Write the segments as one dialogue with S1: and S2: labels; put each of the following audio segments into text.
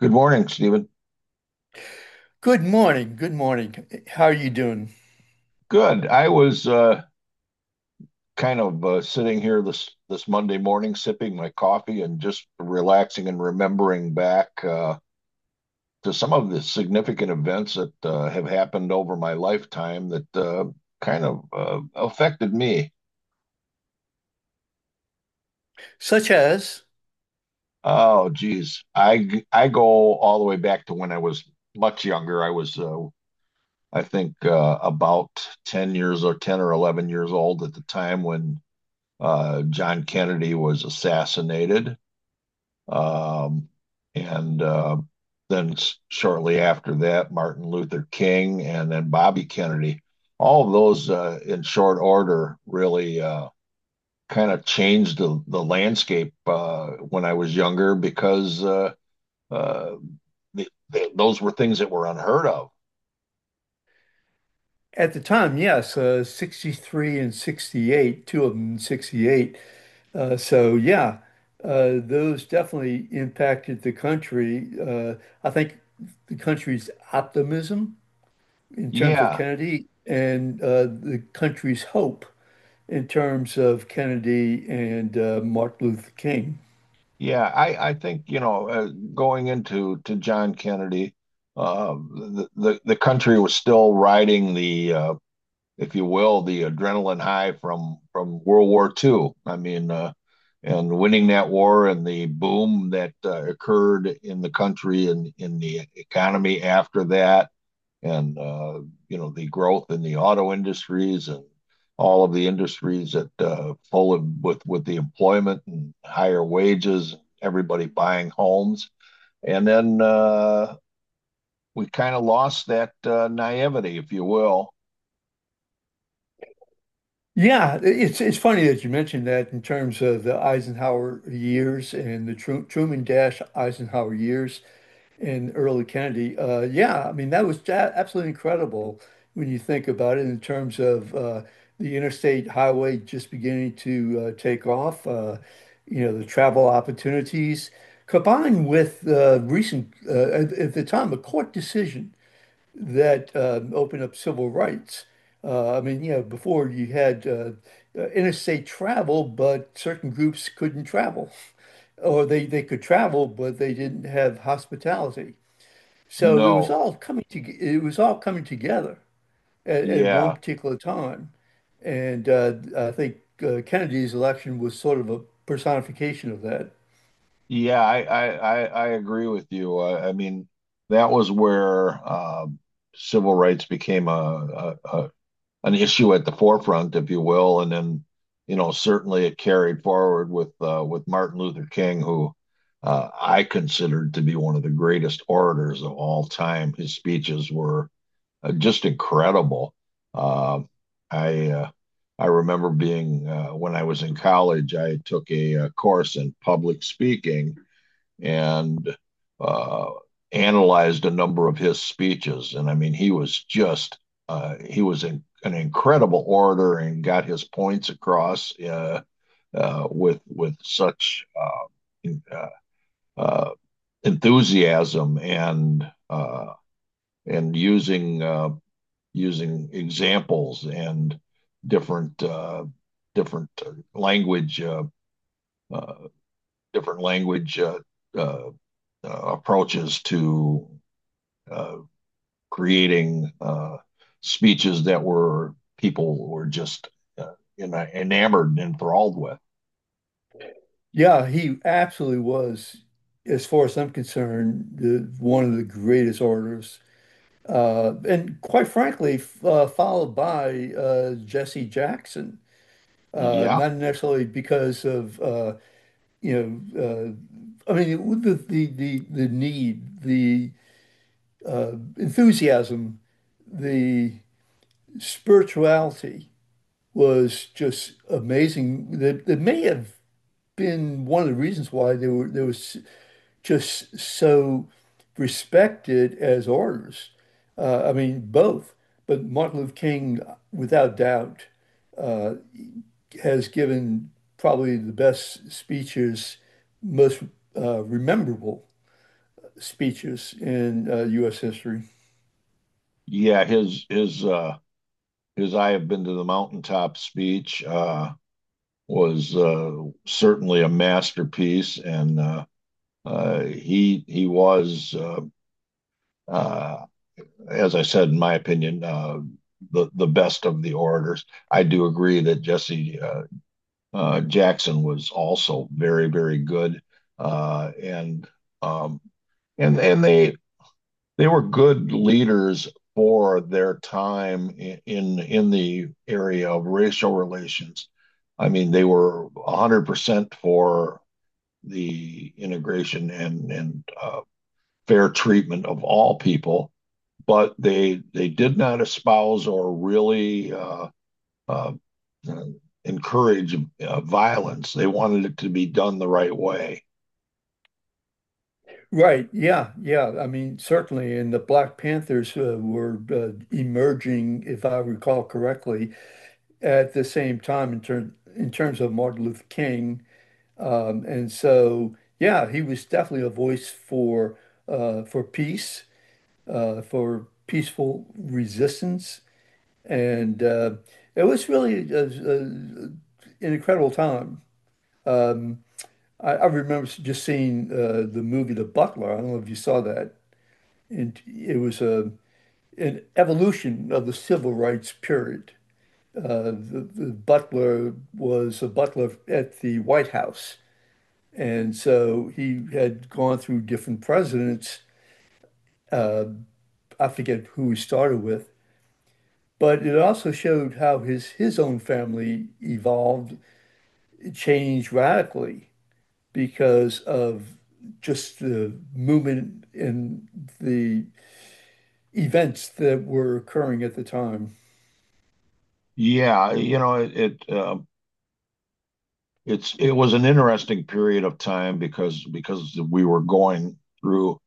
S1: Good morning, Stephen.
S2: Good morning. Good morning. How are you doing?
S1: Good. I was kind of sitting here this Monday morning, sipping my coffee and just relaxing and remembering back to some of the significant events that have happened over my lifetime that affected me.
S2: Such as,
S1: Oh, geez, I go all the way back to when I was much younger. I was I think about 10 years or 10 or 11 years old at the time when John Kennedy was assassinated. Um, and Then shortly after that, Martin Luther King and then Bobby Kennedy. All of those in short order really changed the landscape when I was younger because uh, th th those were things that were unheard of.
S2: at the time, yes, 63 and 68, two of them in 68. So, yeah, those definitely impacted the country. I think the country's optimism in terms of
S1: Yeah,
S2: Kennedy and the country's hope in terms of Kennedy and Martin Luther King.
S1: yeah, I think, going into to John Kennedy, the country was still riding if you will, the adrenaline high from World War II. I mean, and winning that war and the boom that occurred in the country and in the economy after that, and you know, the growth in the auto industries and all of the industries that full of with the employment and higher wages, everybody buying homes, and then we kind of lost that naivety, if you will.
S2: Yeah, it's funny that you mentioned that in terms of the Eisenhower years and the Truman Dash Eisenhower years and early Kennedy. Yeah, I mean that was absolutely incredible when you think about it in terms of the interstate highway just beginning to take off. You know the travel opportunities combined with recent at the time a court decision that opened up civil rights. I mean, you know, before you had interstate travel, but certain groups couldn't travel, or they could travel, but they didn't have hospitality. So it was
S1: No,
S2: all it was all coming together at one
S1: yeah,
S2: particular time. And I think Kennedy's election was sort of a personification of that.
S1: yeah, I agree with you. I mean, that was where civil rights became a an issue at the forefront, if you will, and then you know certainly it carried forward with Martin Luther King, who I considered to be one of the greatest orators of all time. His speeches were just incredible. Uh, I uh, I remember being when I was in college, I took a, uh, course in public speaking and uh, analyzed a number of his speeches. And I mean, he was just, he was in, an incredible orator and got his points across with such uh, enthusiasm and and using, using examples and different, different language, uh, uh, different language uh, approaches to uh, creating speeches that were people were just uh, enamored and enthralled with.
S2: Yeah, he absolutely was, as far as I'm concerned, one of the greatest orators and quite frankly, followed by Jesse Jackson.
S1: Yeah,
S2: Not necessarily because of you know, I mean the need, the enthusiasm, the spirituality was just amazing. That may have been one of the reasons why they was just so respected as orators. I mean both, but Martin Luther King, without doubt, uh, has given probably the best speeches, most rememberable speeches in U.S. history.
S1: yeah. His "I have been to the mountaintop" speech was certainly a masterpiece, and he was, uh, as I said, in my opinion, the best of the orators. I do agree that Jesse Jackson was also very, very good. Uh, and um, and they were good leaders for their time in the area of racial relations. I mean, they were 100% for the integration and fair treatment of all people, but they did not espouse or really uh, encourage violence. They wanted it to be done the right way.
S2: Right. Yeah. Yeah. I mean, certainly. And the Black Panthers were emerging, if I recall correctly, at the same time in terms of Martin Luther King. And so, yeah, he was definitely a voice for peace, for peaceful resistance. And it was really an incredible time. I remember just seeing the movie The Butler. I don't know if you saw that. And it was an evolution of the civil rights period. The butler was a butler at the White House. And so he had gone through different presidents. Uh, I forget who he started with. But it also showed how his own family evolved, it changed radically, because of just the movement and the events that were occurring at the time.
S1: Yeah, you know, it it was an interesting period of time because we were going through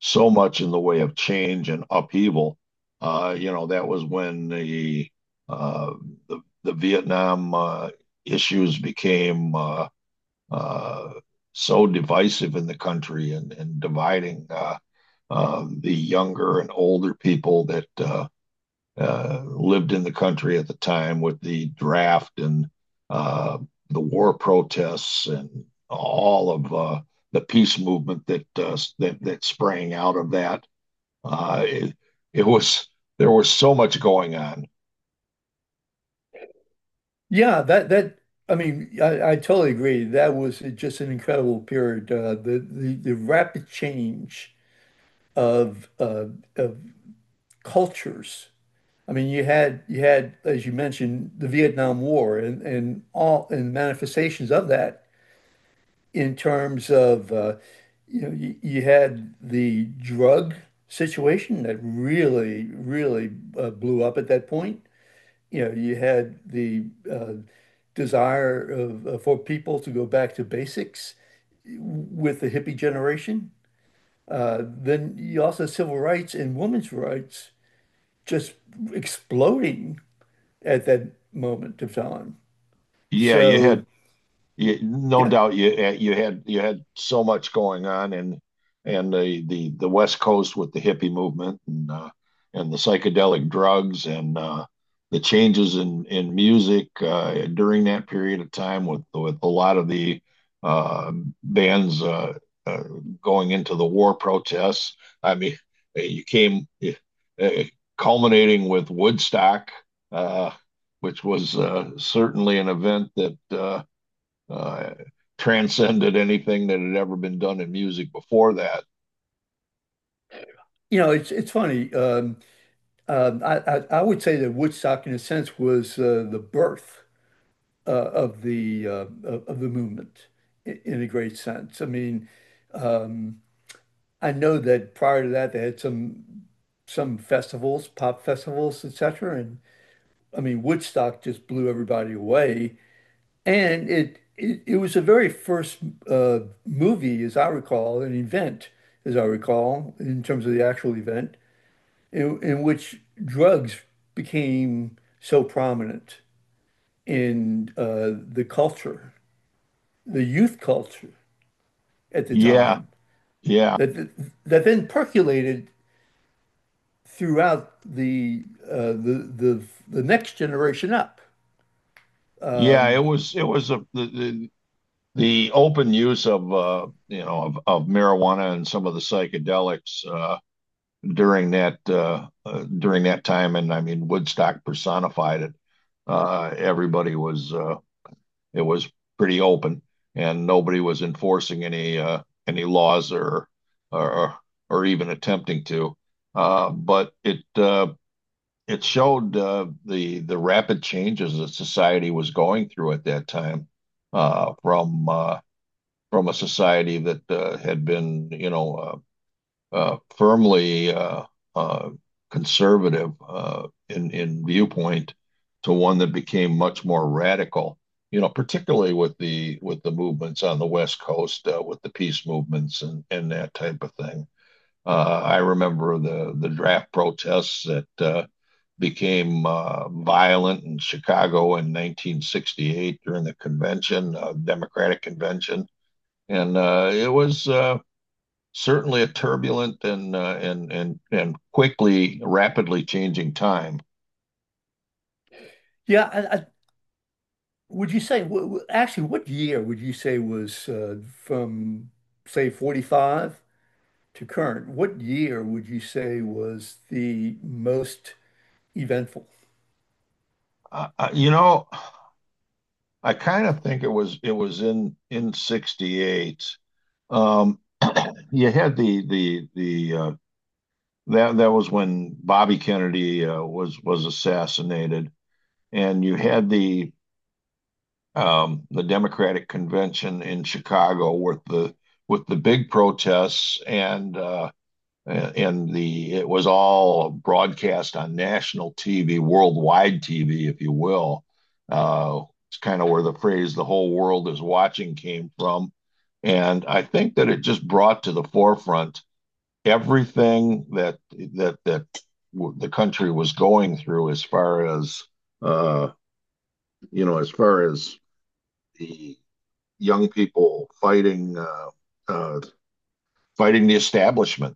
S1: so much in the way of change and upheaval. You know, that was when uh, the Vietnam issues became uh, so divisive in the country and dividing. The younger and older people that lived in the country at the time with the draft and uh, the war protests and all of the peace movement that sprang out of that. It it was There was so much going on.
S2: Yeah, that that I mean, I totally agree. That was just an incredible period. The rapid change of uh, of cultures. I mean, you had, as you mentioned, the Vietnam War and all and manifestations of that in terms of you had the drug situation that really really blew up at that point. You know, you had the uh, desire for people to go back to basics with the hippie generation. Then you also had civil rights and women's rights just exploding at that moment of time.
S1: Yeah,
S2: So
S1: no
S2: yeah,
S1: doubt you had you had so much going on, and the West Coast with the hippie movement and the psychedelic drugs and the changes in music during that period of time with a lot of the uh, bands uh, going into the war protests. I mean, you came uh, culminating with Woodstock, uh, which was certainly an event that uh, transcended anything that had ever been done in music before that.
S2: it's funny. I would say that Woodstock, in a sense, was the birth uh, of the uh, of the movement in a great sense. I mean, I know that prior to that, they had some festivals, pop festivals, etc. And I mean, Woodstock just blew everybody away, and it was the very first uh, movie, as I recall, an event, as I recall, in terms of the actual event, in which drugs became so prominent in the culture, the youth culture at the
S1: Yeah,
S2: time,
S1: yeah,
S2: that that then percolated throughout the next generation up.
S1: yeah. It was a, the open use of you know, of marijuana and some of the psychedelics during that time, and I mean Woodstock personified it. Everybody was it was pretty open, and nobody was enforcing any laws or or or even attempting to. But it showed the rapid changes that society was going through at that time uh, from uh, from a society that had been, you know, firmly uh, conservative in viewpoint to one that became much more radical, you know, particularly with the movements on the West Coast, with the peace movements and that type of thing. I remember the draft protests that became violent in Chicago in 1968 during the convention, Democratic convention. And it was, certainly a turbulent and quickly, rapidly changing time.
S2: Yeah, would you say actually what year would you say was from say 45 to current? What year would you say was the most eventful?
S1: You know, I kind of think it was in '68. Um, you had the that that was when Bobby Kennedy was assassinated, and you had the Democratic convention in Chicago with the big protests and Uh, and, the it was all broadcast on national TV, worldwide TV, if you will. Uh, it's kind of where the phrase "the whole world is watching" came from, and I think that it just brought to the forefront everything that that that the country was going through as far as uh, you know, as far as the young people fighting uh, fighting the establishment.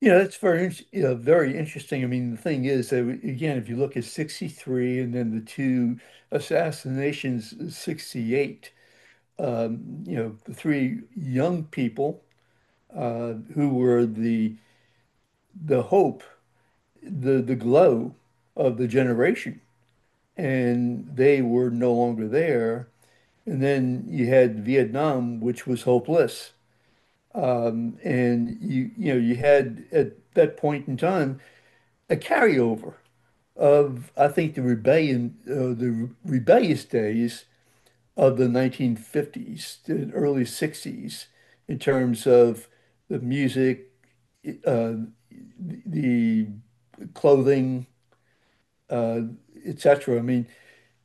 S2: You know, that's very, very interesting. I mean, the thing is that again, if you look at 63 and then the two assassinations, in 68, you know, the three young people who were the hope, the glow of the generation, and they were no longer there. And then you had Vietnam, which was hopeless. And you had at that point in time a carryover of I think the rebellious days of the 1950s, the early 60s, in terms of the music, the clothing, etc. I mean,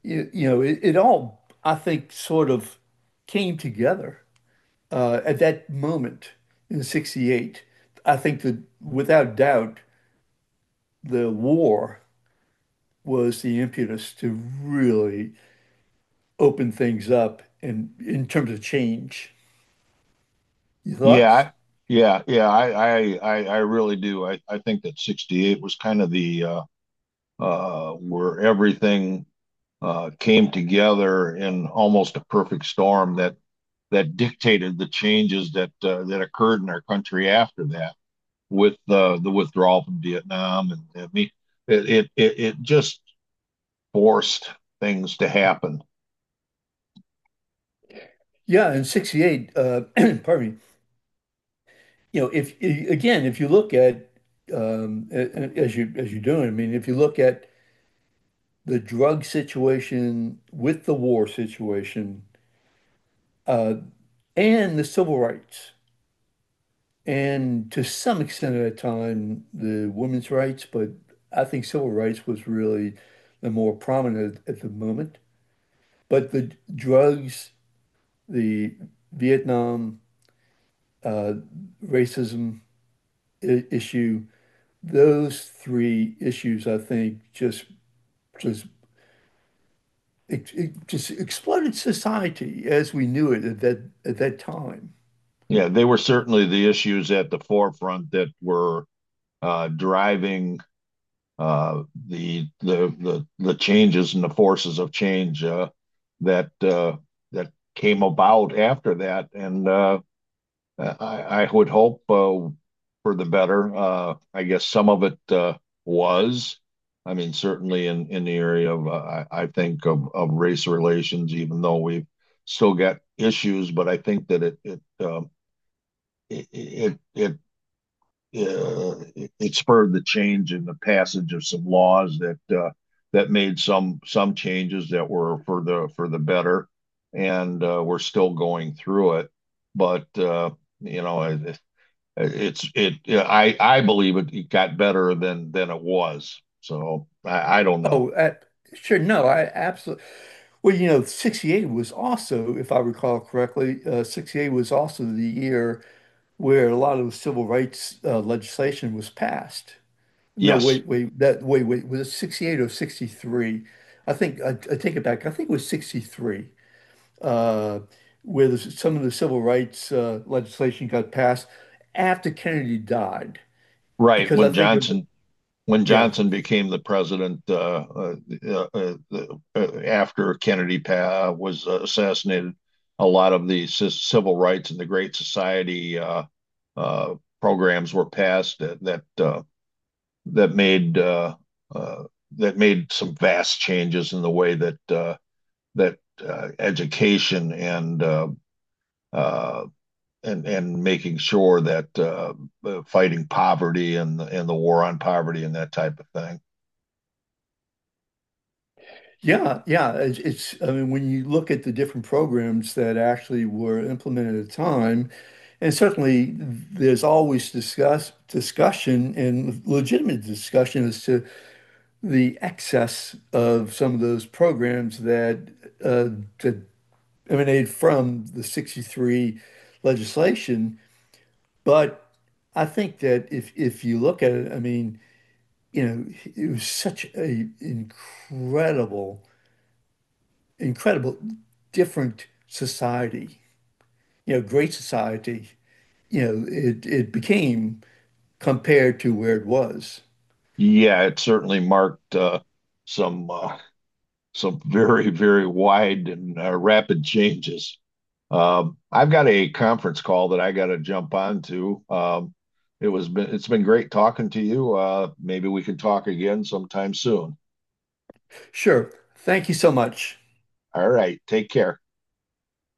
S2: it all I think sort of came together at that moment in '68. I think that without doubt, the war was the impetus to really open things up and in terms of change. Your
S1: Yeah,
S2: thoughts?
S1: yeah, yeah. I really do. I think that '68 was kind of the where everything came together in almost a perfect storm that that dictated the changes that that occurred in our country after that, with the withdrawal from Vietnam, and I mean, it just forced things to happen.
S2: Yeah, in 68, pardon me, you know, if, I- again, if you look at, as you're doing, I mean, if you look at the drug situation with the war situation and the civil rights, and to some extent at a time, the women's rights, but I think civil rights was really the more prominent at the moment. But the drugs, the Vietnam, uh, racism issue, those three issues, I think, just it just exploded society as we knew it at that time.
S1: Yeah, they were certainly the issues at the forefront that were driving the changes and the forces of change that uh, that came about after that, and I, I would hope for the better. I guess some of it was. I mean, certainly in the area of, I think of race relations, even though we've still got issues, but I think that it, it, it, it it, it spurred the change in the passage of some laws that that made some changes that were for the better, and we're still going through it. But you know, it, it's it. I believe it, it got better than it was. So I don't know.
S2: Oh, sure, no, I absolutely. Well, 68 was also, if I recall correctly, 68 was also the year where a lot of the civil rights legislation was passed. No,
S1: Yes,
S2: wait, wait, that wait, wait, was it 68 or 63? I think I take it back. I think it was 63. uh, where some of the civil rights legislation got passed after Kennedy died.
S1: right.
S2: Because I
S1: When
S2: think of,
S1: Johnson when
S2: yeah,
S1: Johnson became the president uh, uh, after Kennedy was assassinated, a lot of the civil rights and the Great Society uh, programs were passed that that, that made uh, uh, that made some vast changes in the way that that education uh, and making sure that fighting poverty and the war on poverty and that type of thing.
S2: yeah, yeah. It's, I mean, when you look at the different programs that actually were implemented at the time, and certainly there's always discussion and legitimate discussion as to the excess of some of those programs that, uh, that emanate from the 63 legislation. But I think that if you look at it, I mean, it was such a incredible, incredible different society, great society, it became compared to where it was.
S1: Yeah, it certainly marked some uh, some very, very wide and rapid changes. I've got a conference call that I got to jump on to. It's been great talking to you. Maybe we can talk again sometime soon.
S2: Sure. Thank you so much.
S1: All right, take care.